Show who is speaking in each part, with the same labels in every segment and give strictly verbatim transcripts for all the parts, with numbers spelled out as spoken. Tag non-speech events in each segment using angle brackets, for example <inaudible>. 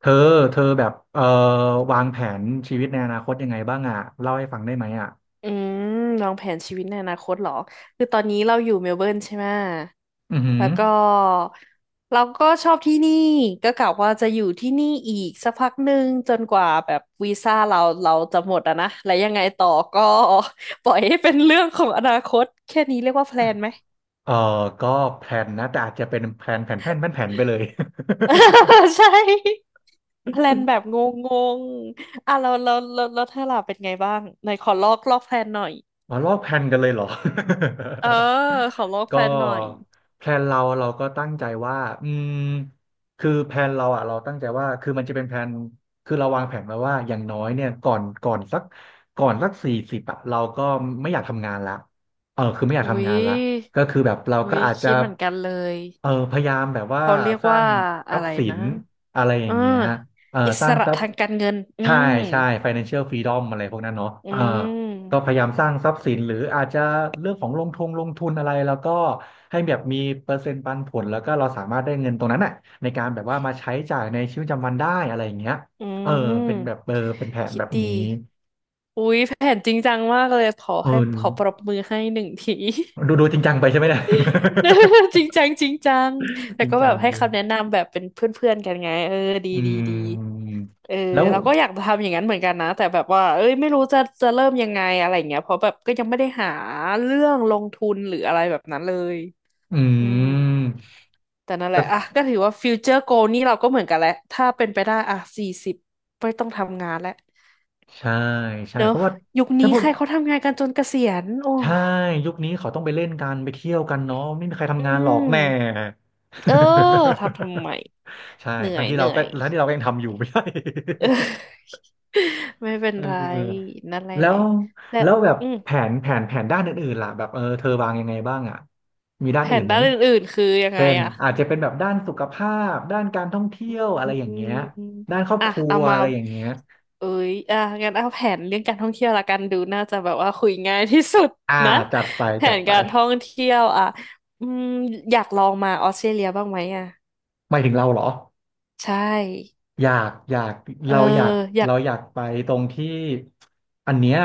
Speaker 1: เธอเธอแบบเอ่อวางแผนชีวิตในอนาคตยังไงบ้างอ่ะเล่าให้ฟังได้ไหมอ่ะ
Speaker 2: อืมวางแผนชีวิตในอนาคตเหรอคือตอนนี้เราอยู่เมลเบิร์นใช่ไหม
Speaker 1: อือหือ
Speaker 2: แล้วก็เราก็ชอบที่นี่ก็กะว่าจะอยู่ที่นี่อีกสักพักหนึ่งจนกว่าแบบวีซ่าเราเราจะหมดอะนะแล้วยังไงต่อก็ <laughs> ปล่อยให้เป็นเรื่องของอนาคตแค่นี้เรียกว่าแพลนไหม
Speaker 1: เอ่อก็แผนนะแต่อาจจะเป็นแผนแผนแผนแผนแผนไปเลย
Speaker 2: <laughs> ใช่แพลนแบบงงๆอ่ะเราเราเราเราถ้าเธาล่เป็นไงบ้างไหนขอลอกลอกแพลนหน่อย
Speaker 1: อ๋อลอกแพลนกันเลยเหรอ
Speaker 2: เออขอลอก
Speaker 1: <laughs>
Speaker 2: แพ
Speaker 1: ก็
Speaker 2: ลนหน่อย
Speaker 1: แพลนเราเราก็ตั้งใจว่าอืมคือแพลนเราอ่ะเราตั้งใจว่าคือมันจะเป็นแพลนคือเราวางแผนไว้ว่าอย่างน้อยเนี่ยก่อนก่อนสักก่อนสักสี่สิบอ่ะเราก็ไม่อยากทำงานละเออคือไม่อยาก
Speaker 2: อุ๊
Speaker 1: ทำ
Speaker 2: ย
Speaker 1: งานละก็คือแบบเรา
Speaker 2: อุ๊
Speaker 1: ก็
Speaker 2: ย
Speaker 1: อาจจะ
Speaker 2: คิดเหมือนกันเลย
Speaker 1: เออพยายามแบบว่า
Speaker 2: เขาเรียก
Speaker 1: สร้า
Speaker 2: ว่า
Speaker 1: งท
Speaker 2: อะ
Speaker 1: รัพ
Speaker 2: ไร
Speaker 1: ย์สิ
Speaker 2: นะ
Speaker 1: นอะไรอ
Speaker 2: เอ
Speaker 1: ย่า
Speaker 2: อ
Speaker 1: งเงี้ยเออ
Speaker 2: อิ
Speaker 1: ส
Speaker 2: ส
Speaker 1: ร้าง
Speaker 2: ระ
Speaker 1: ทรัพ
Speaker 2: ทา
Speaker 1: ย์
Speaker 2: งการเงินอื
Speaker 1: ใช่
Speaker 2: ม
Speaker 1: ใช่ financial freedom อะไรพวกนั้นเนาะ
Speaker 2: อื
Speaker 1: เออก็พ
Speaker 2: ม
Speaker 1: ยายามสร้างทรัพย์สินหรืออาจจะเรื่องของลงทุนลงทุนอะไรแล้วก็ให้แบบมีเปอร์เซ็นต์ปันผลแล้วก็เราสามารถได้เงินตรงนั้นน่ะในการแบบว่ามาใช้จ่ายในชีวิตประจำวันได้อะไรอย่างเงี้ย
Speaker 2: อื
Speaker 1: เออเป็นแบบ
Speaker 2: ม
Speaker 1: เออเป็นแผน
Speaker 2: คิ
Speaker 1: แบ
Speaker 2: ด
Speaker 1: บ
Speaker 2: ดี
Speaker 1: นี้
Speaker 2: อุ๊ยแผนจริงจังมากเลยขอ
Speaker 1: เอ
Speaker 2: ให้ขอปรบ
Speaker 1: อ
Speaker 2: มือให้หนึ่งที
Speaker 1: ดูดูจริงจังไปใช่ไหมเนี่ย
Speaker 2: <laughs> จริงจังจริงจัง
Speaker 1: <laughs> จ
Speaker 2: แต่
Speaker 1: ริง
Speaker 2: ก็แบ
Speaker 1: จั
Speaker 2: บ
Speaker 1: ง
Speaker 2: ให้
Speaker 1: เล
Speaker 2: คำแนะ
Speaker 1: ย
Speaker 2: นำแบบเป็นเพื่อนๆกันไงเออดี
Speaker 1: อื
Speaker 2: ดีดี
Speaker 1: ม
Speaker 2: เออ
Speaker 1: แล้ว
Speaker 2: เราก็อยากจะทำอย่างนั้นเหมือนกันนะแต่แบบว่าเอ้ยไม่รู้จะจะเริ่มยังไงอะไรอย่างเงี้ยเพราะแบบก็ยังไม่ได้หาเรื่องลงทุนหรืออะไรแบบนั้นเลย
Speaker 1: อื
Speaker 2: อืม
Speaker 1: ม
Speaker 2: แต่นั่นแหละอ่ะ
Speaker 1: แต่
Speaker 2: ก็ถือว่าฟิวเจอร์โกนี่เราก็เหมือนกันแหละถ้าเป็นไปได้อ่ะสี่สิบไม่ต้องทำงานแล้ว
Speaker 1: ใช่ใช่
Speaker 2: เนอะ
Speaker 1: เพราะว่า
Speaker 2: ยุค
Speaker 1: ถ้า
Speaker 2: นี้
Speaker 1: พว
Speaker 2: ใค
Speaker 1: ก
Speaker 2: รเขาทำงานกันจนเกษียณโอ้
Speaker 1: ใช่ยุคนี้เขาต้องไปเล่นกันไปเที่ยวกันเนาะไม่มีใคร
Speaker 2: อื
Speaker 1: ทำงานหรอกแน่
Speaker 2: มเออทำทำไม
Speaker 1: <laughs> ใช่
Speaker 2: เหนื่อ
Speaker 1: ทั้ง
Speaker 2: ย
Speaker 1: ที่
Speaker 2: เห
Speaker 1: เรา
Speaker 2: นื่อ
Speaker 1: ก็
Speaker 2: ย
Speaker 1: ทั้งที่เราก็ยังทำอยู่ไม่ใช่
Speaker 2: <laughs> เออ <laughs> ไม่
Speaker 1: <laughs>
Speaker 2: เป็น
Speaker 1: เ
Speaker 2: ไร
Speaker 1: ออ
Speaker 2: นั่นแหละ
Speaker 1: แล้ว
Speaker 2: และ
Speaker 1: แล้วแบบ
Speaker 2: อืม
Speaker 1: แผนแผนแผนด้านอื่นๆล่ะแบบเออเธอวางยังไงบ้างอ่ะมีด้า
Speaker 2: แผ
Speaker 1: นอื่
Speaker 2: น
Speaker 1: นไหม
Speaker 2: ด้านอื่นๆคือยังไง
Speaker 1: เป็น
Speaker 2: อะ
Speaker 1: อาจจะเป็นแบบด้านสุขภาพด้านการท่องเที่ยว
Speaker 2: อ
Speaker 1: อะไรอย่าง
Speaker 2: ื
Speaker 1: เงี้ย
Speaker 2: ม
Speaker 1: ด้านครอบ
Speaker 2: อ่ะ
Speaker 1: ครัว
Speaker 2: เอามา
Speaker 1: อะไรอย่างเงี้ย
Speaker 2: เอ้ยอ่ะงั้นเอาแผนเรื่องการท่องเที่ยวละกันดูน่าจะแบบว่าคุยง่ายที่สุด
Speaker 1: อ่า
Speaker 2: นะ
Speaker 1: จัดไป
Speaker 2: แผ
Speaker 1: จัด
Speaker 2: น
Speaker 1: ไป
Speaker 2: การท่องเที่ยวอ่ะอืมอยากลองมาออสเตรเลียบ้างไหมอะ
Speaker 1: หมายถึงเราเหรอ
Speaker 2: ใช่
Speaker 1: อยากอยาก
Speaker 2: เออ
Speaker 1: เราอยาก
Speaker 2: อยาก
Speaker 1: เราอยากไปตรงที่อันเนี้ย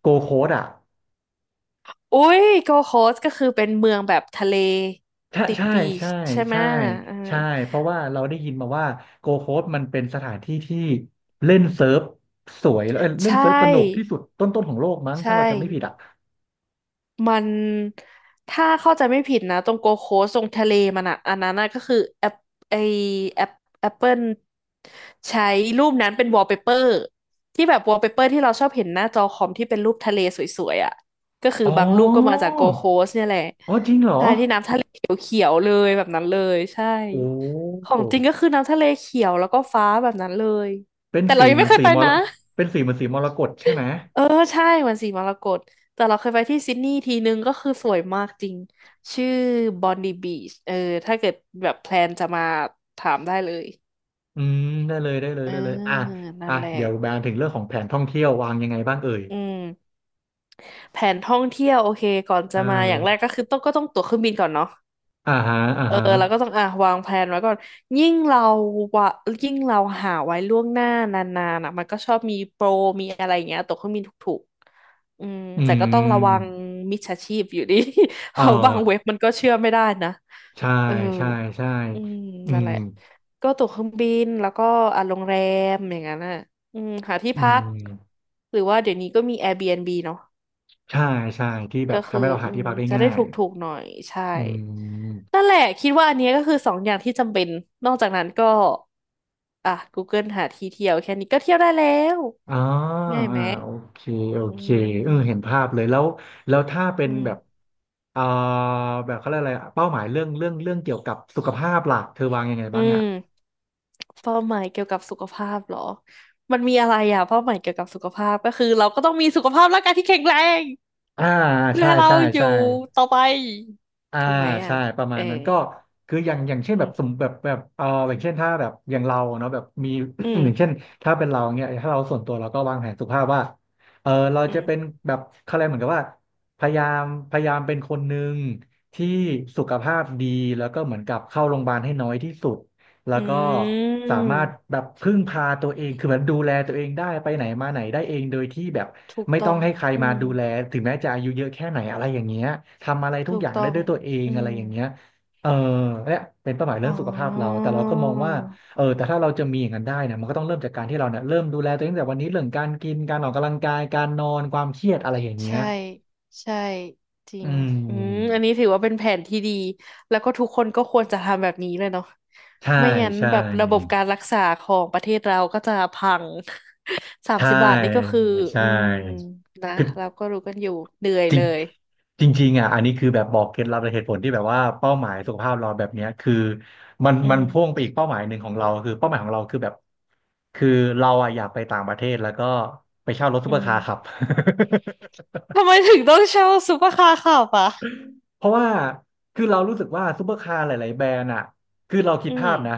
Speaker 1: โกโค้ดอ่ะ
Speaker 2: อุ้ยโกโคสก็คือเป็นเมืองแบบทะเล
Speaker 1: ใช่
Speaker 2: ติด
Speaker 1: ใช่
Speaker 2: บีช
Speaker 1: ใช่
Speaker 2: ใช่ไหม
Speaker 1: ใช่
Speaker 2: ยเออ
Speaker 1: ใช่เพราะว่าเราได้ยินมาว่าโกโค้ดมันเป็นสถานที่ที่เล่นเซิร์ฟสวยแล้วเอ้ยเล่
Speaker 2: ใช
Speaker 1: นเซิร์ฟสนุกที่
Speaker 2: ่
Speaker 1: สุดต้นๆของโลกมั้ง
Speaker 2: ใช่
Speaker 1: ถ้าเราจำไม่ผิดอ่ะ
Speaker 2: มันถ้าเข้าใจไม่ผิดนะตรงโกโคสตรงทะเลมันอะอันนั้นน่ะก็คือแอปไอแอปแอปเปิลใช้รูปนั้นเป็นวอลเปเปอร์ที่แบบวอลเปเปอร์ที่เราชอบเห็นหน้าจอคอมที่เป็นรูปทะเลสวยๆอะก็คือ
Speaker 1: อ๋อ
Speaker 2: บางรูปก็มาจากโกโคสเนี่ยแหละ
Speaker 1: อ๋อจริงเหรอ
Speaker 2: เขียวๆเลยแบบนั้นเลยใช่
Speaker 1: โอ้
Speaker 2: ของจริงก็คือน้ำทะเลเขียวแล้วก็ฟ้าแบบนั้นเลย
Speaker 1: เป็น
Speaker 2: แต่เรา
Speaker 1: สี
Speaker 2: ยัง
Speaker 1: เหมื
Speaker 2: ไม่
Speaker 1: อน
Speaker 2: เคย
Speaker 1: สี
Speaker 2: ไป
Speaker 1: มร
Speaker 2: นะ
Speaker 1: เป็นสีเหมือนสีมรกตใช่ไหม
Speaker 2: เออใช่มันสีมรกตแต่เราเคยไปที่ซิดนีย์ทีนึงก็คือสวยมากจริงชื่อบอนดีบีชเออถ้าเกิดแบบแพลนจะมาถามได้เลย
Speaker 1: อืมได้เลยได้เลย
Speaker 2: เออ
Speaker 1: ได้เลยอ่ะ
Speaker 2: นั่
Speaker 1: อ่ะ
Speaker 2: นแหละ
Speaker 1: เดี๋ยวแบนถึงเรื่องของแผนท่องเที่ยววางยังไงบ้างเอ่ย
Speaker 2: อืมแผนท่องเที่ยวโอเคก่อนจะ
Speaker 1: ใช่
Speaker 2: มาอย่างแรกก็คือต้องก็ต้องตั๋วเครื่องบินก่อนเนาะ
Speaker 1: อ่าฮะอ่า
Speaker 2: เออเราก็
Speaker 1: ฮะ
Speaker 2: ต้องอ่ะวางแผนไว้ก่อนยิ่งเราวะยิ่งเราหาไว้ล่วงหน้านานๆอ่ะมันก็ชอบมีโปรมีอะไรอย่างเงี้ยตกเครื่องบินถูกๆอืม
Speaker 1: อื
Speaker 2: แต่ก็ต้องระวัง
Speaker 1: ม
Speaker 2: มิจฉาชีพอยู่ดี <laughs> เพ
Speaker 1: เออ
Speaker 2: ราะบางเว็บมันก็เชื่อไม่ได้นะ
Speaker 1: ใช่
Speaker 2: เออ
Speaker 1: ใช่ใช่
Speaker 2: อืม
Speaker 1: อื
Speaker 2: นั่นแห
Speaker 1: ม
Speaker 2: ละก็ตั๋วเครื่องบินแล้วก็อ่ะโรงแรมอย่างนั้นอ่ะอืมหาที่
Speaker 1: อื
Speaker 2: พัก
Speaker 1: ม
Speaker 2: หรือว่าเดี๋ยวนี้ก็มี Airbnb เนาะ
Speaker 1: ใช่ใช่ที่แบบ
Speaker 2: ก็คื
Speaker 1: ทำให้
Speaker 2: อ
Speaker 1: เราหา
Speaker 2: อื
Speaker 1: ที่
Speaker 2: ม
Speaker 1: พักได้
Speaker 2: จะได้
Speaker 1: ง่า
Speaker 2: ถ
Speaker 1: ย
Speaker 2: ูกๆหน่อยใช่
Speaker 1: อืม
Speaker 2: นั่นแหละคิดว่าอันเนี้ยก็คือสองอย่างที่จำเป็นนอกจากนั้นก็อ่ะ Google หาที่เที่ยวแค่นี้ก็เที่ยวได้แล้ว
Speaker 1: อ๋อ
Speaker 2: ง่าย
Speaker 1: อ่า
Speaker 2: ไหม
Speaker 1: โอเคโอ
Speaker 2: อื
Speaker 1: เคเออเห็น
Speaker 2: ม
Speaker 1: ภาพเลยแล้วแล้วถ้าเป็น
Speaker 2: อืม
Speaker 1: แบบเอ่อแบบเขาเรียกอะไรอะเป้าหมายเรื่องเรื่องเรื่องเกี่ยวกับสุขภาพหลักเธอวางยังไง
Speaker 2: อื
Speaker 1: บ้างอ่ะ
Speaker 2: มเป้าหมายเกี่ยวกับสุขภาพเหรอมันมีอะไรอ่ะเป้าหมายเกี่ยวกับสุขภาพก็คือเราก็ต้องมีสุขภาพร่างกายที่แข็งแรง
Speaker 1: อ่า
Speaker 2: เพื่อ
Speaker 1: ใช่
Speaker 2: ให้เรา
Speaker 1: ใช่
Speaker 2: อยู่
Speaker 1: ใช่
Speaker 2: ต่อไป
Speaker 1: อ่า
Speaker 2: ถูกไหมอ่ะ
Speaker 1: ใช่ประมา
Speaker 2: เอ
Speaker 1: ณ
Speaker 2: อ
Speaker 1: นั้นก็คืออย่างอย่างเช่น
Speaker 2: อื
Speaker 1: แบ
Speaker 2: ม
Speaker 1: บสมแบบแบบเอออย่างเช่นถ้าแบบอย่างเราเนาะแบบมี
Speaker 2: อื
Speaker 1: <clears throat> อย่างเช่น
Speaker 2: ม
Speaker 1: ถ้าเป็นเราเนี่ยถ้าเราส่วนตัวเราก็วางแผนสุขภาพว่าเออเรา
Speaker 2: อื
Speaker 1: จะ
Speaker 2: ม
Speaker 1: เป็นแบบเขาเรียกเหมือนกับว่าพยายามพยายามเป็นคนหนึ่งที่สุขภาพดีแล้วก็เหมือนกับเข้าโรงพยาบาลให้น้อยที่สุด แล้ว
Speaker 2: อ
Speaker 1: ก็
Speaker 2: ื
Speaker 1: สามารถ
Speaker 2: ม
Speaker 1: แบบพึ่งพาตัวเองคือแบบดูแลตัวเองได้ ไปไหนมาไหนได้เองโดยที่แบบ
Speaker 2: ถูก
Speaker 1: ไม่
Speaker 2: ต้
Speaker 1: ต้
Speaker 2: อ
Speaker 1: อง
Speaker 2: ง
Speaker 1: ให้ใคร
Speaker 2: อื
Speaker 1: มา
Speaker 2: ม
Speaker 1: ดูแลถึงแม้จะอายุเยอะแค่ไหนอะไรอย่างเงี้ยทำอะไรทุก
Speaker 2: ถู
Speaker 1: อ
Speaker 2: ก
Speaker 1: ย่าง
Speaker 2: ต้อ
Speaker 1: ได้
Speaker 2: ง
Speaker 1: ด้วยตัวเอง
Speaker 2: อื
Speaker 1: อะไร
Speaker 2: ม
Speaker 1: อย่างเงี้ยเออเนี่ยเป็นเป้าหมายเรื่
Speaker 2: อ๋
Speaker 1: องสุขภาพเรา
Speaker 2: อ
Speaker 1: แต่เราก็มองว่าเออแต่ถ้าเราจะมีอย่างนั้นได้เนี่ยมันก็ต้องเริ่มจากการที่เราเนี่ยเริ่มดูแลตัวเองตั้งแต่วันนี้เรื่องการกิน การออกกำลังกายการนอนความเครียดอะไรอย่างเงี้ย
Speaker 2: ใช่ ใช่ จริ
Speaker 1: อื
Speaker 2: งอืม
Speaker 1: ม
Speaker 2: อันนี้ถือว่าเป็นแผนที่ดี แล้วก็ทุกคนก็ควรจะทำแบบนี้เลยเนาะ
Speaker 1: ใช่
Speaker 2: ไม่งั้น
Speaker 1: ใช่
Speaker 2: แบบระบบการรักษาของประเทศเราก็จะพัง <laughs> สาม
Speaker 1: ใช่
Speaker 2: สิบบาทนี่ก็คือ
Speaker 1: ใช่
Speaker 2: อืม นะ
Speaker 1: คือ
Speaker 2: เราก็รู้กันอยู่เหนื่อย
Speaker 1: จริ
Speaker 2: เล
Speaker 1: ง
Speaker 2: ย
Speaker 1: จริงๆอ่ะอันนี้คือแบบบอกเคล็ดลับและเหตุผลที่แบบว่าเป้าหมายสุขภาพเราแบบเนี้ยคือมัน
Speaker 2: อื
Speaker 1: มัน
Speaker 2: ม
Speaker 1: พ่วงไปอีกเป้าหมายหนึ่งของเราคือเป้าหมายของเราคือแบบคือเราอ่ะอยากไปต่างประเทศแล้วก็ไปเช่ารถซุ
Speaker 2: อื
Speaker 1: ปเปอร์คาร์ขับ
Speaker 2: ม ทำไมถึงต้องเช่าซุปเปอร์คาร์ขับอ่ะ
Speaker 1: เพราะว่าคือเรารู้สึกว่าซูเปอร์คาร์หลายๆแบรนด์อ่ะคือเราคิ
Speaker 2: อื
Speaker 1: ด
Speaker 2: ม
Speaker 1: ภาพนะ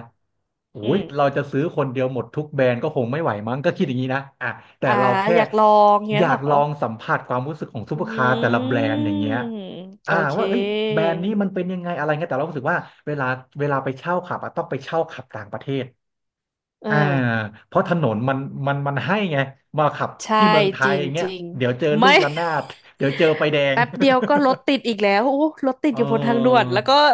Speaker 1: โอ้
Speaker 2: อื
Speaker 1: ย
Speaker 2: ม
Speaker 1: เราจะซื้อคนเดียวหมดทุกแบรนด์ก็คงไม่ไหวมั้งก็คิดอย่างนี้นะอ่ะแต่
Speaker 2: อ่า
Speaker 1: เราแค่
Speaker 2: อยากลองเงี้
Speaker 1: อ
Speaker 2: ย
Speaker 1: ยา
Speaker 2: เหร
Speaker 1: ก
Speaker 2: อ
Speaker 1: ลองสัมผัสความรู้สึกของซู
Speaker 2: อื
Speaker 1: เปอร์คาร์แต่ละแบรนด์อย่า
Speaker 2: ม
Speaker 1: งเงี้ยอ่า
Speaker 2: โอเค
Speaker 1: ว่าเอ้ยแบรนด์นี้มันเป็นยังไงอะไรเงี้ยแต่เรารู้สึกว่าเวลาเวลาไปเช่าขับอะต้องไปเช่าขับต่างประเทศ
Speaker 2: เออ
Speaker 1: อ่าเพราะถนนมันมันมันให้ไงมาขับ
Speaker 2: ใช่
Speaker 1: ที่เมืองไท
Speaker 2: จ
Speaker 1: ย
Speaker 2: ริ
Speaker 1: อ
Speaker 2: ง
Speaker 1: ย่างเงี้
Speaker 2: จ
Speaker 1: ย
Speaker 2: ริง
Speaker 1: เดี๋ยวเจอลู
Speaker 2: ไม่
Speaker 1: กระ
Speaker 2: <laughs>
Speaker 1: นาดเดี๋ยวเจอไฟแดง
Speaker 2: แป๊บเดียวก็รถติดอีกแล้วโอ้รถติ
Speaker 1: <laughs>
Speaker 2: ด
Speaker 1: เอ
Speaker 2: อยู่บนทางด่วนแล้วก็
Speaker 1: อ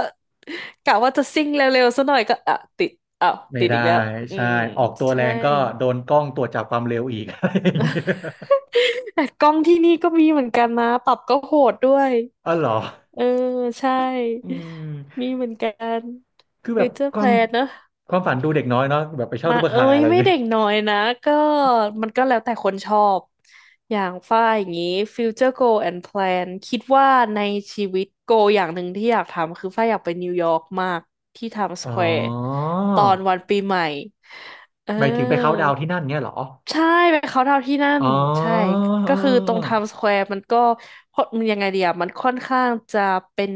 Speaker 2: กะว่าจะซิ่งเร็วๆซะหน่อยก็อ่ะติดอ้าว
Speaker 1: ไม่
Speaker 2: ติด
Speaker 1: ได้
Speaker 2: อีกแล้วอื
Speaker 1: ใช่
Speaker 2: ม
Speaker 1: ออกตัวแร
Speaker 2: ใช่
Speaker 1: งก็โดนกล้องตรวจจับความเร็วอีก <laughs> อะไรอย่างเงี้ย
Speaker 2: แต่กล้องที่นี่ก็มีเหมือนกันนะปรับก็โหดด้วย
Speaker 1: อ๋อเหรอ
Speaker 2: เออใช่
Speaker 1: อืม
Speaker 2: มีเหมือนกัน
Speaker 1: คือแบ
Speaker 2: ฟิ
Speaker 1: บ
Speaker 2: วเจอร์
Speaker 1: ค
Speaker 2: แพ
Speaker 1: วา
Speaker 2: ล
Speaker 1: ม
Speaker 2: นเนอะ
Speaker 1: ความฝันดูเด็กน้อยเนาะแบบไปเช่า
Speaker 2: มา
Speaker 1: ซุปเปอร์
Speaker 2: เอ้
Speaker 1: คาร์อะ
Speaker 2: ย
Speaker 1: ไรอย่า
Speaker 2: ไม่
Speaker 1: งเงี้ย
Speaker 2: เด็กน้อยนะก็มันก็แล้วแต่คนชอบอย่างฝ้ายอย่างนี้ future goal and plan คิดว่าในชีวิต goal อย่างหนึ่งที่อยากทำคือฝ้ายอยากไปนิวยอร์กมากที่ i m ม s ส
Speaker 1: อ๋อ
Speaker 2: แควร์ตอนวันปีใหม่เอ
Speaker 1: หมายถึงไปเคาท์
Speaker 2: อ
Speaker 1: ดาวน์ที่นั่นเงี้ยเหรอ
Speaker 2: ใช่ไปเขาน์ดาวน์ที่นั่น
Speaker 1: อ๋อ
Speaker 2: ใช่
Speaker 1: เออ
Speaker 2: ก็คือตรงไทม์
Speaker 1: เออ
Speaker 2: สแควร์มันก็มันยังไงเดียมันค่อนข้างจะเป็น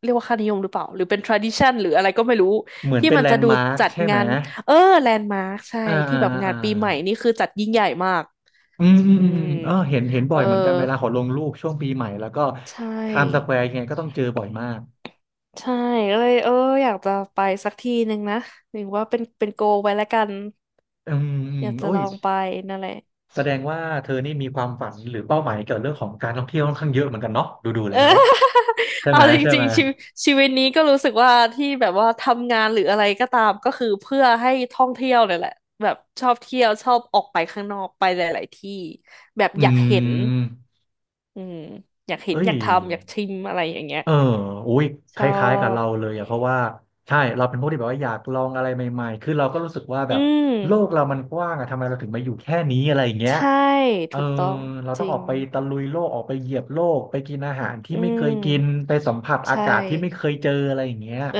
Speaker 2: เรียกว่าค่านิยมหรือเปล่าหรือเป็น tradition หรืออะไรก็ไม่รู้
Speaker 1: เหมือน
Speaker 2: ที่
Speaker 1: เป็น
Speaker 2: มัน
Speaker 1: แล
Speaker 2: จะ
Speaker 1: นด์
Speaker 2: ดู
Speaker 1: มาร์ค
Speaker 2: จัด
Speaker 1: ใช่ไหม
Speaker 2: งาน เออแลนด์มาร์คใช่
Speaker 1: อ่า
Speaker 2: ที่
Speaker 1: อ่า
Speaker 2: แบบงา
Speaker 1: อ่า
Speaker 2: นปีใหม่นี่คือจัดยิ่งใหญ่มาก
Speaker 1: อืมอืม
Speaker 2: อื
Speaker 1: อืมอื
Speaker 2: ม
Speaker 1: มเออเห็นเห็น
Speaker 2: เอ
Speaker 1: บ่อ
Speaker 2: อ
Speaker 1: ยเหมือนกันเวลาขอลงรูปช่วงปีใหม่แล้วก็
Speaker 2: ใช่
Speaker 1: ไทม์สแควร์ยังไงก็ต้องเจอบ่อยมาก
Speaker 2: ใช่ก็เลยเอออยากจะไปสักทีหนึ่งนะหรือว่าเป็นเป็นโกลไว้แล้วกัน
Speaker 1: อืมอื
Speaker 2: อ
Speaker 1: ม
Speaker 2: ยากจะ
Speaker 1: โอ้
Speaker 2: ล
Speaker 1: ย
Speaker 2: องไปนั่นแหละ <laughs>
Speaker 1: แสดงว่าเธอนี่มีความฝันหรือเป้าหมายเกี่ยวกับเรื่องของการท่องเที่ยวค่อนข้างเยอะเหมือนกันเนาะดูดู
Speaker 2: เอ
Speaker 1: แล้
Speaker 2: อ
Speaker 1: ว
Speaker 2: <laughs>
Speaker 1: ใช่
Speaker 2: เอา
Speaker 1: ไหม
Speaker 2: จ
Speaker 1: ใช่
Speaker 2: ริ
Speaker 1: ไหม
Speaker 2: งๆชีวิตชีวิตนี้ก็รู้สึกว่าที่แบบว่าทำงานหรืออะไรก็ตามก็คือเพื่อให้ท่องเที่ยวเนี่ยแหละแบบชอบเที่ยวชอบออกไปข้างนอกไปหลายๆที่แบบ
Speaker 1: อื
Speaker 2: อยากเห็น
Speaker 1: ม
Speaker 2: อืมอยากเห็น
Speaker 1: เอ้ย
Speaker 2: อยากทำอยากชิมอะไรอย่างเงี้ย
Speaker 1: เอออุ้ย
Speaker 2: ช
Speaker 1: ค
Speaker 2: อ
Speaker 1: ล้ายๆกับ
Speaker 2: บ
Speaker 1: เราเลยอะเพราะว่าใช่เราเป็นพวกที่แบบว่าอยากลองอะไรใหม่ๆคือเราก็รู้สึกว่าแบ
Speaker 2: อื
Speaker 1: บโล
Speaker 2: ม
Speaker 1: กเรามันกว้างอะทำไมเราถึงมาอยู่แค่นี้อะไรอย่างเงี้ย
Speaker 2: ใช่
Speaker 1: เออ
Speaker 2: ถูกต้อง
Speaker 1: เรา
Speaker 2: จ
Speaker 1: ต้อง
Speaker 2: ริ
Speaker 1: ออ
Speaker 2: ง
Speaker 1: กไปตะลุยโลกออกไปเหยียบโลกไปกินอาหารที่
Speaker 2: อื
Speaker 1: ไม่เคยกิน
Speaker 2: ม
Speaker 1: ไปสัมผัสอา
Speaker 2: ใช่
Speaker 1: กาศที่ไม่เคยเจออะไรอย่างเงี้ย
Speaker 2: เออ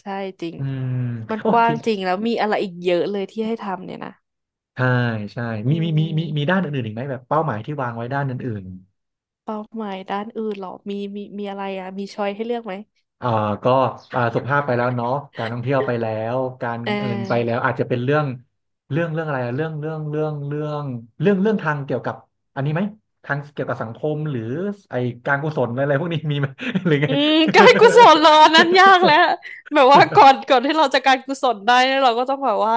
Speaker 2: ใช่จริง
Speaker 1: อืม
Speaker 2: มัน
Speaker 1: โอ
Speaker 2: ก
Speaker 1: เค
Speaker 2: ว้างจริงแล้วมีอะไรอีกเยอะเลยที่ให้ทำเนี่ยนะ
Speaker 1: ใช่ใช่
Speaker 2: อื
Speaker 1: มีมีมีมีมี
Speaker 2: ม
Speaker 1: ด้านอื่นๆอีกไหมแบบเป้าหมายที่วางไว้ด้านอื่น
Speaker 2: เป้าหมายด้านอื่นเหรอมีมีมีอะไรอ่ะมีช้อยให้เลือกไหม
Speaker 1: ๆเอ่อก็อ่าสุขภาพไปแล้วเนาะการท่องเที่ยวไปแล้วการ
Speaker 2: เ
Speaker 1: เงินไปแล้ว
Speaker 2: ออ
Speaker 1: อาจจะเป็นเรื่องเรื่องเรื่องอะไรอะเรื่องเรื่องเรื่องเรื่องเรื่องเรื่องทางเกี่ยวกับอันนี้ไหมทางเกี่ยวกับสังคมหรือไอการกุศลอะไรพวกนี้มีไหม <laughs> หรือไง
Speaker 2: อืมการกุศลรอนนั้นยากแล้วแบบว่าก่อนก่อนที่เราจะการกุศลได้เนี่ยเราก็ต้องแบบว่า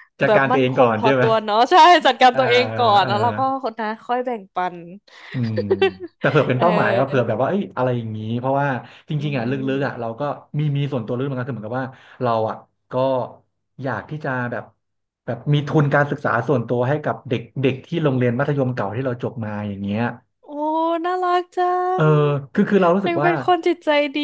Speaker 1: <laughs> จัด
Speaker 2: แบบ
Speaker 1: การตัว
Speaker 2: มั่น
Speaker 1: เอง
Speaker 2: ค
Speaker 1: ก่อ
Speaker 2: ง
Speaker 1: น
Speaker 2: พอ
Speaker 1: ใช่ไหม
Speaker 2: ตัวเนาะใช่จัดการ
Speaker 1: อ่า
Speaker 2: ตัวเองก่อน
Speaker 1: อ่า
Speaker 2: แล้วเราก็คนนะค่อยแบ่งปัน
Speaker 1: อืม
Speaker 2: <laughs>
Speaker 1: แต่เผื่อเป็น
Speaker 2: เ
Speaker 1: เป้าหมายครับเผื่อแบ
Speaker 2: ออ
Speaker 1: บว่าเอ้ยอะไรอย่างนี้เพราะว่าจ
Speaker 2: อื
Speaker 1: ริงๆอ่ะลึกๆอ่ะ
Speaker 2: ม
Speaker 1: เราก็มีมีส่วนตัวลึกเหมือนกันคือเหมือนกับว่าเราอ่ะก็อยากที่จะแบบแบบมีทุนการศึกษาส่วนตัวให้กับเด็กเด็กที่โรงเรียนมัธยมเก่าที่เราจบมาอย่างเงี้ย
Speaker 2: โอ้น่ารักจั
Speaker 1: เออ
Speaker 2: ง
Speaker 1: คือคือเรารู้สึ
Speaker 2: ยั
Speaker 1: ก
Speaker 2: ง
Speaker 1: ว่า
Speaker 2: เป็นคนจิตใจดี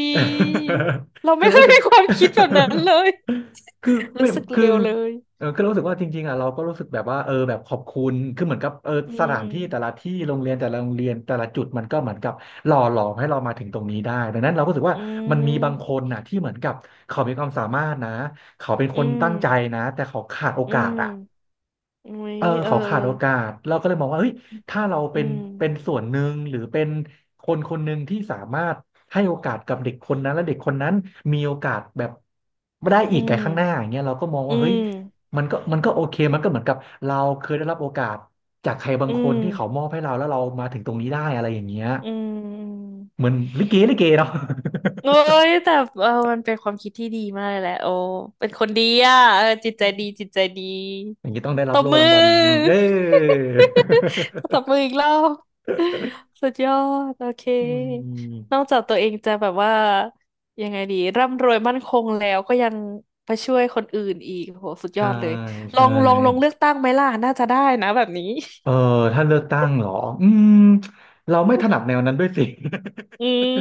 Speaker 2: เรา
Speaker 1: <laughs> คือ
Speaker 2: ไม่
Speaker 1: เรา
Speaker 2: เค
Speaker 1: รู้
Speaker 2: ย
Speaker 1: สึก
Speaker 2: มีความคิดแบบนั้นเลย
Speaker 1: <laughs> คือ
Speaker 2: <laughs>
Speaker 1: ไม่
Speaker 2: รู้สึกเล
Speaker 1: คือ
Speaker 2: วเลย
Speaker 1: เออคือเรารู้สึกว่าจริงๆอ่ะเราก็รู้สึกแบบว่าเออแบบขอบคุณคือเหมือนกับเออ
Speaker 2: อื
Speaker 1: สถา
Speaker 2: ม
Speaker 1: นที่แต่ละที่โรงเรียนแต่ละโรงเรียนแต่ละจุดมันก็เหมือนกับหล่อหลอมให้เรามาถึงตรงนี้ได้ดังนั้นเราก็รู้สึก
Speaker 2: อื
Speaker 1: ว่ามันมีบางค
Speaker 2: ม
Speaker 1: นน่ะที่เหมือนกับเขามีความสามารถนะเขาเป็นค
Speaker 2: อื
Speaker 1: นตั้งใจ
Speaker 2: ม
Speaker 1: นะแต่เขาขาดโอ
Speaker 2: อื
Speaker 1: กาสอ่ะ
Speaker 2: มอุ้ย
Speaker 1: เออ
Speaker 2: เออ
Speaker 1: เขาขาดโอกาสเราก็เลยมองว่าเฮ้ยถ้าเรา
Speaker 2: อื
Speaker 1: เป็นเป็น
Speaker 2: ม
Speaker 1: ส่วนหนึ่งหรือเป็นคนคนหนึ่งที่สามารถให้โอกาสกับเด็กคนนั้นและเด็กคนนั้นมีโอกาสแบบได้อี
Speaker 2: อื
Speaker 1: กไกลข้างหน้าอ
Speaker 2: ม
Speaker 1: ย่างเงี้ยเราก็มอง
Speaker 2: อื
Speaker 1: ว่าเฮ้ย
Speaker 2: ม
Speaker 1: มันก็มันก็โอเคมันก็เหมือนกับเราเคยได้รับโอกาสจากใครบา
Speaker 2: อื
Speaker 1: งคน
Speaker 2: ม
Speaker 1: ที่เขามอบให้เราแล้วเรามาถึงตรงนี้ได้อะไรอย่างเงี้ย
Speaker 2: อืมอื
Speaker 1: เหมื
Speaker 2: ม
Speaker 1: อนลิเกลิเกเนาะ
Speaker 2: โอ้ยแต่เออมันเป็นความคิดที่ดีมากเลยแหละโอ้เป็นคนดีอ่ะเออจิตใจดี จิตใจดี
Speaker 1: <laughs> อย่างนี้ต้องได้รั
Speaker 2: ต
Speaker 1: บ
Speaker 2: บ
Speaker 1: โล่
Speaker 2: มื
Speaker 1: รางวัล
Speaker 2: อ
Speaker 1: เย้
Speaker 2: <laughs> ตบมืออีกรอบ
Speaker 1: <laughs>
Speaker 2: สุดยอดโอเค
Speaker 1: อื
Speaker 2: นอก
Speaker 1: ม
Speaker 2: จากตัวเองจะแบบว่ายังไงดีร่ำรวยมั่นคงแล้วก็ยังไปช่วยคนอื่นอีกโหสุดย
Speaker 1: ใช่
Speaker 2: อดเลย ลอ
Speaker 1: ใช่
Speaker 2: งลองลงเลือกตั้งไหมล่ะน่าจะได้นะแบบนี้
Speaker 1: เออถ้าเลือกตั้งเหรออืมเราไม่ถนัดแนวนั้นด้วยสิ <laughs>
Speaker 2: อืม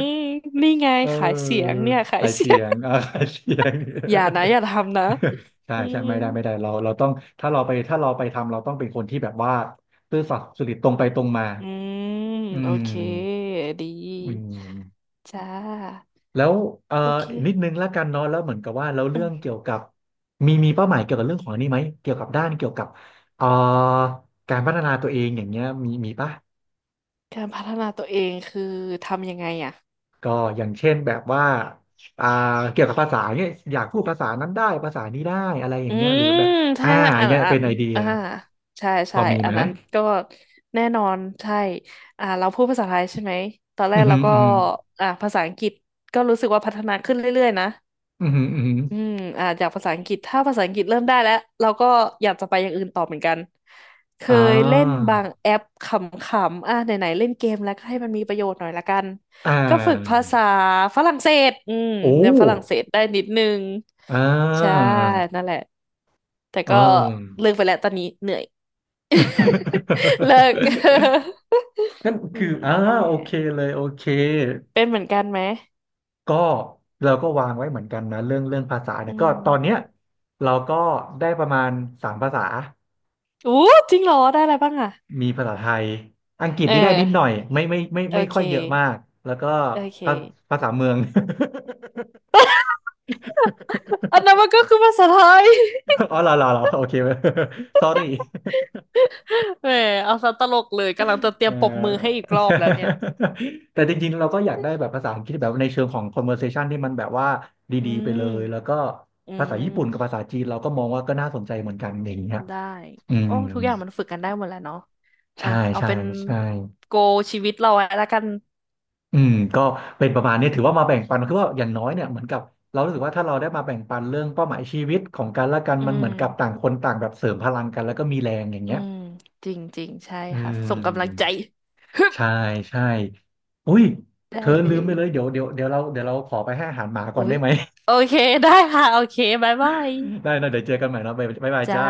Speaker 2: นี่ไง
Speaker 1: เอ
Speaker 2: ขายเสี
Speaker 1: อ
Speaker 2: ยงเนี่ยขาย
Speaker 1: สาย
Speaker 2: เสี
Speaker 1: เสี
Speaker 2: ยง
Speaker 1: ยงอ่าสายเสียง
Speaker 2: <laughs> อย่านะอย่าทำนะ
Speaker 1: <laughs> ใช่
Speaker 2: อื
Speaker 1: ใช่
Speaker 2: ม
Speaker 1: ไม่ได้ไม่ได้เราเราต้องถ้าเราไปถ้าเราไปทำเราต้องเป็นคนที่แบบว่าซื่อสัตย์สุจริตตรงไปตรงมา
Speaker 2: อืม
Speaker 1: อื
Speaker 2: โอ
Speaker 1: ม
Speaker 2: เคดี
Speaker 1: อืม
Speaker 2: จ้า
Speaker 1: แล้วเอ่อ
Speaker 2: โอเค
Speaker 1: อีกนิดนึงแล้วกันเนาะแล้วเหมือนกับว่าเรา
Speaker 2: อื
Speaker 1: เรื่อง
Speaker 2: ม
Speaker 1: เกี่ยวกับมีมีเป้าหมายเกี่ยวกับเรื่องของอันนี้ไหมเกี่ยวกับด้านเกี่ยวกับเอ่อการพัฒนาตัวเองอย่างเงี้ยมีมีปะ
Speaker 2: การพัฒนาตัวเองคือทำยังไงอ่ะ
Speaker 1: ก็อย่างเช่นแบบว่าอ่าเกี่ยวกับภาษาเนี่ยอยากพูดภาษานั้นได้ภาษานี้ได้อะไรอย่า
Speaker 2: อื
Speaker 1: งเงี้ยหรื
Speaker 2: ม
Speaker 1: อแบบ
Speaker 2: ใช่
Speaker 1: อ่า
Speaker 2: ใช่
Speaker 1: อย่า
Speaker 2: อั
Speaker 1: ง
Speaker 2: น
Speaker 1: เงี้ย
Speaker 2: อั
Speaker 1: เป็น
Speaker 2: น
Speaker 1: ไอเดีย
Speaker 2: อ่าใช่
Speaker 1: พอ
Speaker 2: ใช่
Speaker 1: มี
Speaker 2: อั
Speaker 1: ไหม
Speaker 2: นนั้นก็แน่นอนใช่อ่าเราพูดภาษาไทยใช่ไหมตอนแร
Speaker 1: อือ
Speaker 2: กเรา
Speaker 1: หือ
Speaker 2: ก็
Speaker 1: อือหือ
Speaker 2: อ่าภาษาอังกฤษก็รู้สึกว่าพัฒนาขึ้นเรื่อยๆนะ
Speaker 1: อือหืออือหือ
Speaker 2: อืมอ่าจากภาษาอังกฤษถ้าภาษาอังกฤษเริ่มได้แล้วเราก็อยากจะไปอย่างอื่นต่อเหมือนกันเค
Speaker 1: อ่
Speaker 2: ยเล่น
Speaker 1: า
Speaker 2: บางแอปขำๆอ่ะไหนๆเล่นเกมแล้วก็ให้มันมีประโยชน์หน่อยละกัน
Speaker 1: อ่
Speaker 2: ก็ฝึกภา
Speaker 1: า
Speaker 2: ษาฝรั่งเศสอืม
Speaker 1: โอ้
Speaker 2: เรียนฝรั่งเศสได้นิดนึง
Speaker 1: อ่า
Speaker 2: ใช่นั่นแหละแต่
Speaker 1: เอ
Speaker 2: ก็
Speaker 1: อ
Speaker 2: เลิกไปแล้วตอนนี้เหนื่อย <laughs> เลิก <laughs>
Speaker 1: <laughs> นั่น
Speaker 2: อื
Speaker 1: คือ
Speaker 2: ม
Speaker 1: อ่า
Speaker 2: นั่นแหละ
Speaker 1: โอเคเลยโอเค
Speaker 2: เป็นเหมือนกันไหม
Speaker 1: ก็เราก็วางไว้เหมือนกันนะเรื่องเรื่องภาษา
Speaker 2: อื
Speaker 1: เนี่ยก็ตอนเนี้ย
Speaker 2: ม
Speaker 1: เราก็ได้ประมาณสามภาษา
Speaker 2: อู้จริงเหรอได้อะไรบ้างอ่ะ
Speaker 1: มีภาษาไทย อังกฤษ
Speaker 2: เอ
Speaker 1: นี่ได้นิดหน่อ
Speaker 2: อ
Speaker 1: ยไม่ไม่ไม่
Speaker 2: โอ
Speaker 1: ไม่
Speaker 2: เค
Speaker 1: ค่อยเยอะมาก แล้วก็
Speaker 2: โอเค
Speaker 1: ภาภาษาเมือง
Speaker 2: อันนั้นมันก็คือภาษาไทย
Speaker 1: <laughs> อ๋อเหรอเหรอเหรอ โอเค <laughs> sorry
Speaker 2: <laughs> แหมเอาซะตลกเลยกำลังจะเตรี
Speaker 1: เอ่
Speaker 2: ย
Speaker 1: อ
Speaker 2: มปรบมือให้อีกรอบแล้วเนี่ย
Speaker 1: <laughs> แต่จริงๆ เราก็อยากได้แบบภาษาอังกฤษแบบในเชิงของ conversation ที่มันแบบว่า
Speaker 2: อื
Speaker 1: ดีๆไปเลย แล้ว
Speaker 2: ม
Speaker 1: ก็
Speaker 2: อื
Speaker 1: ภาษาญี่ปุ่นกับ
Speaker 2: ม
Speaker 1: ภาษาจีนเราก็มองว่าก็น่าสนใจเหมือนกันอย่างเงี้ย
Speaker 2: ได้
Speaker 1: อื
Speaker 2: โอ้
Speaker 1: ม
Speaker 2: ทุกอย่างมันฝึกกันได้หมดแล้วเนาะอ่ะ
Speaker 1: ใช่
Speaker 2: เอา
Speaker 1: ใช่
Speaker 2: เป็น
Speaker 1: ใช่
Speaker 2: โกชีวิตเราอะแล้วกัน
Speaker 1: อืมก็เป็นประมาณนี้ถือว่ามาแบ่งปันคือว่าอย่างน้อยเนี่ยเหมือนกับเรารู้สึกว่าถ้าเราได้มาแบ่งปันเรื่องเป้าหมายชีวิตของกันและกัน
Speaker 2: อื
Speaker 1: มันเหมือนกับต่า
Speaker 2: ม
Speaker 1: งคนต่างแบบเสริมพลังกันแล้วก็มีแรงอย่าง
Speaker 2: อื
Speaker 1: เงี้ย
Speaker 2: ม จริงจริงใช่
Speaker 1: อื
Speaker 2: ค่ะส่งกำลังใจ
Speaker 1: ม
Speaker 2: ฮึบ
Speaker 1: ใช่ใช่อุ้ยเธ
Speaker 2: ได้
Speaker 1: อ
Speaker 2: เล
Speaker 1: ลืมไป
Speaker 2: ย
Speaker 1: เลยเดี๋ยวเดี๋ยวเดี๋ยวเราเดี๋ยวเราขอไปให้อาหารหมาก่อน
Speaker 2: อุ๊
Speaker 1: ได้
Speaker 2: ย
Speaker 1: ไหม
Speaker 2: โอเค ได้ค่ะโอเคบ๊ายบาย
Speaker 1: <laughs> ได้นะเดี๋ยวเจอกันใหม่นะบ๊ายบายบ๊ายบาย
Speaker 2: จ้า
Speaker 1: จ้า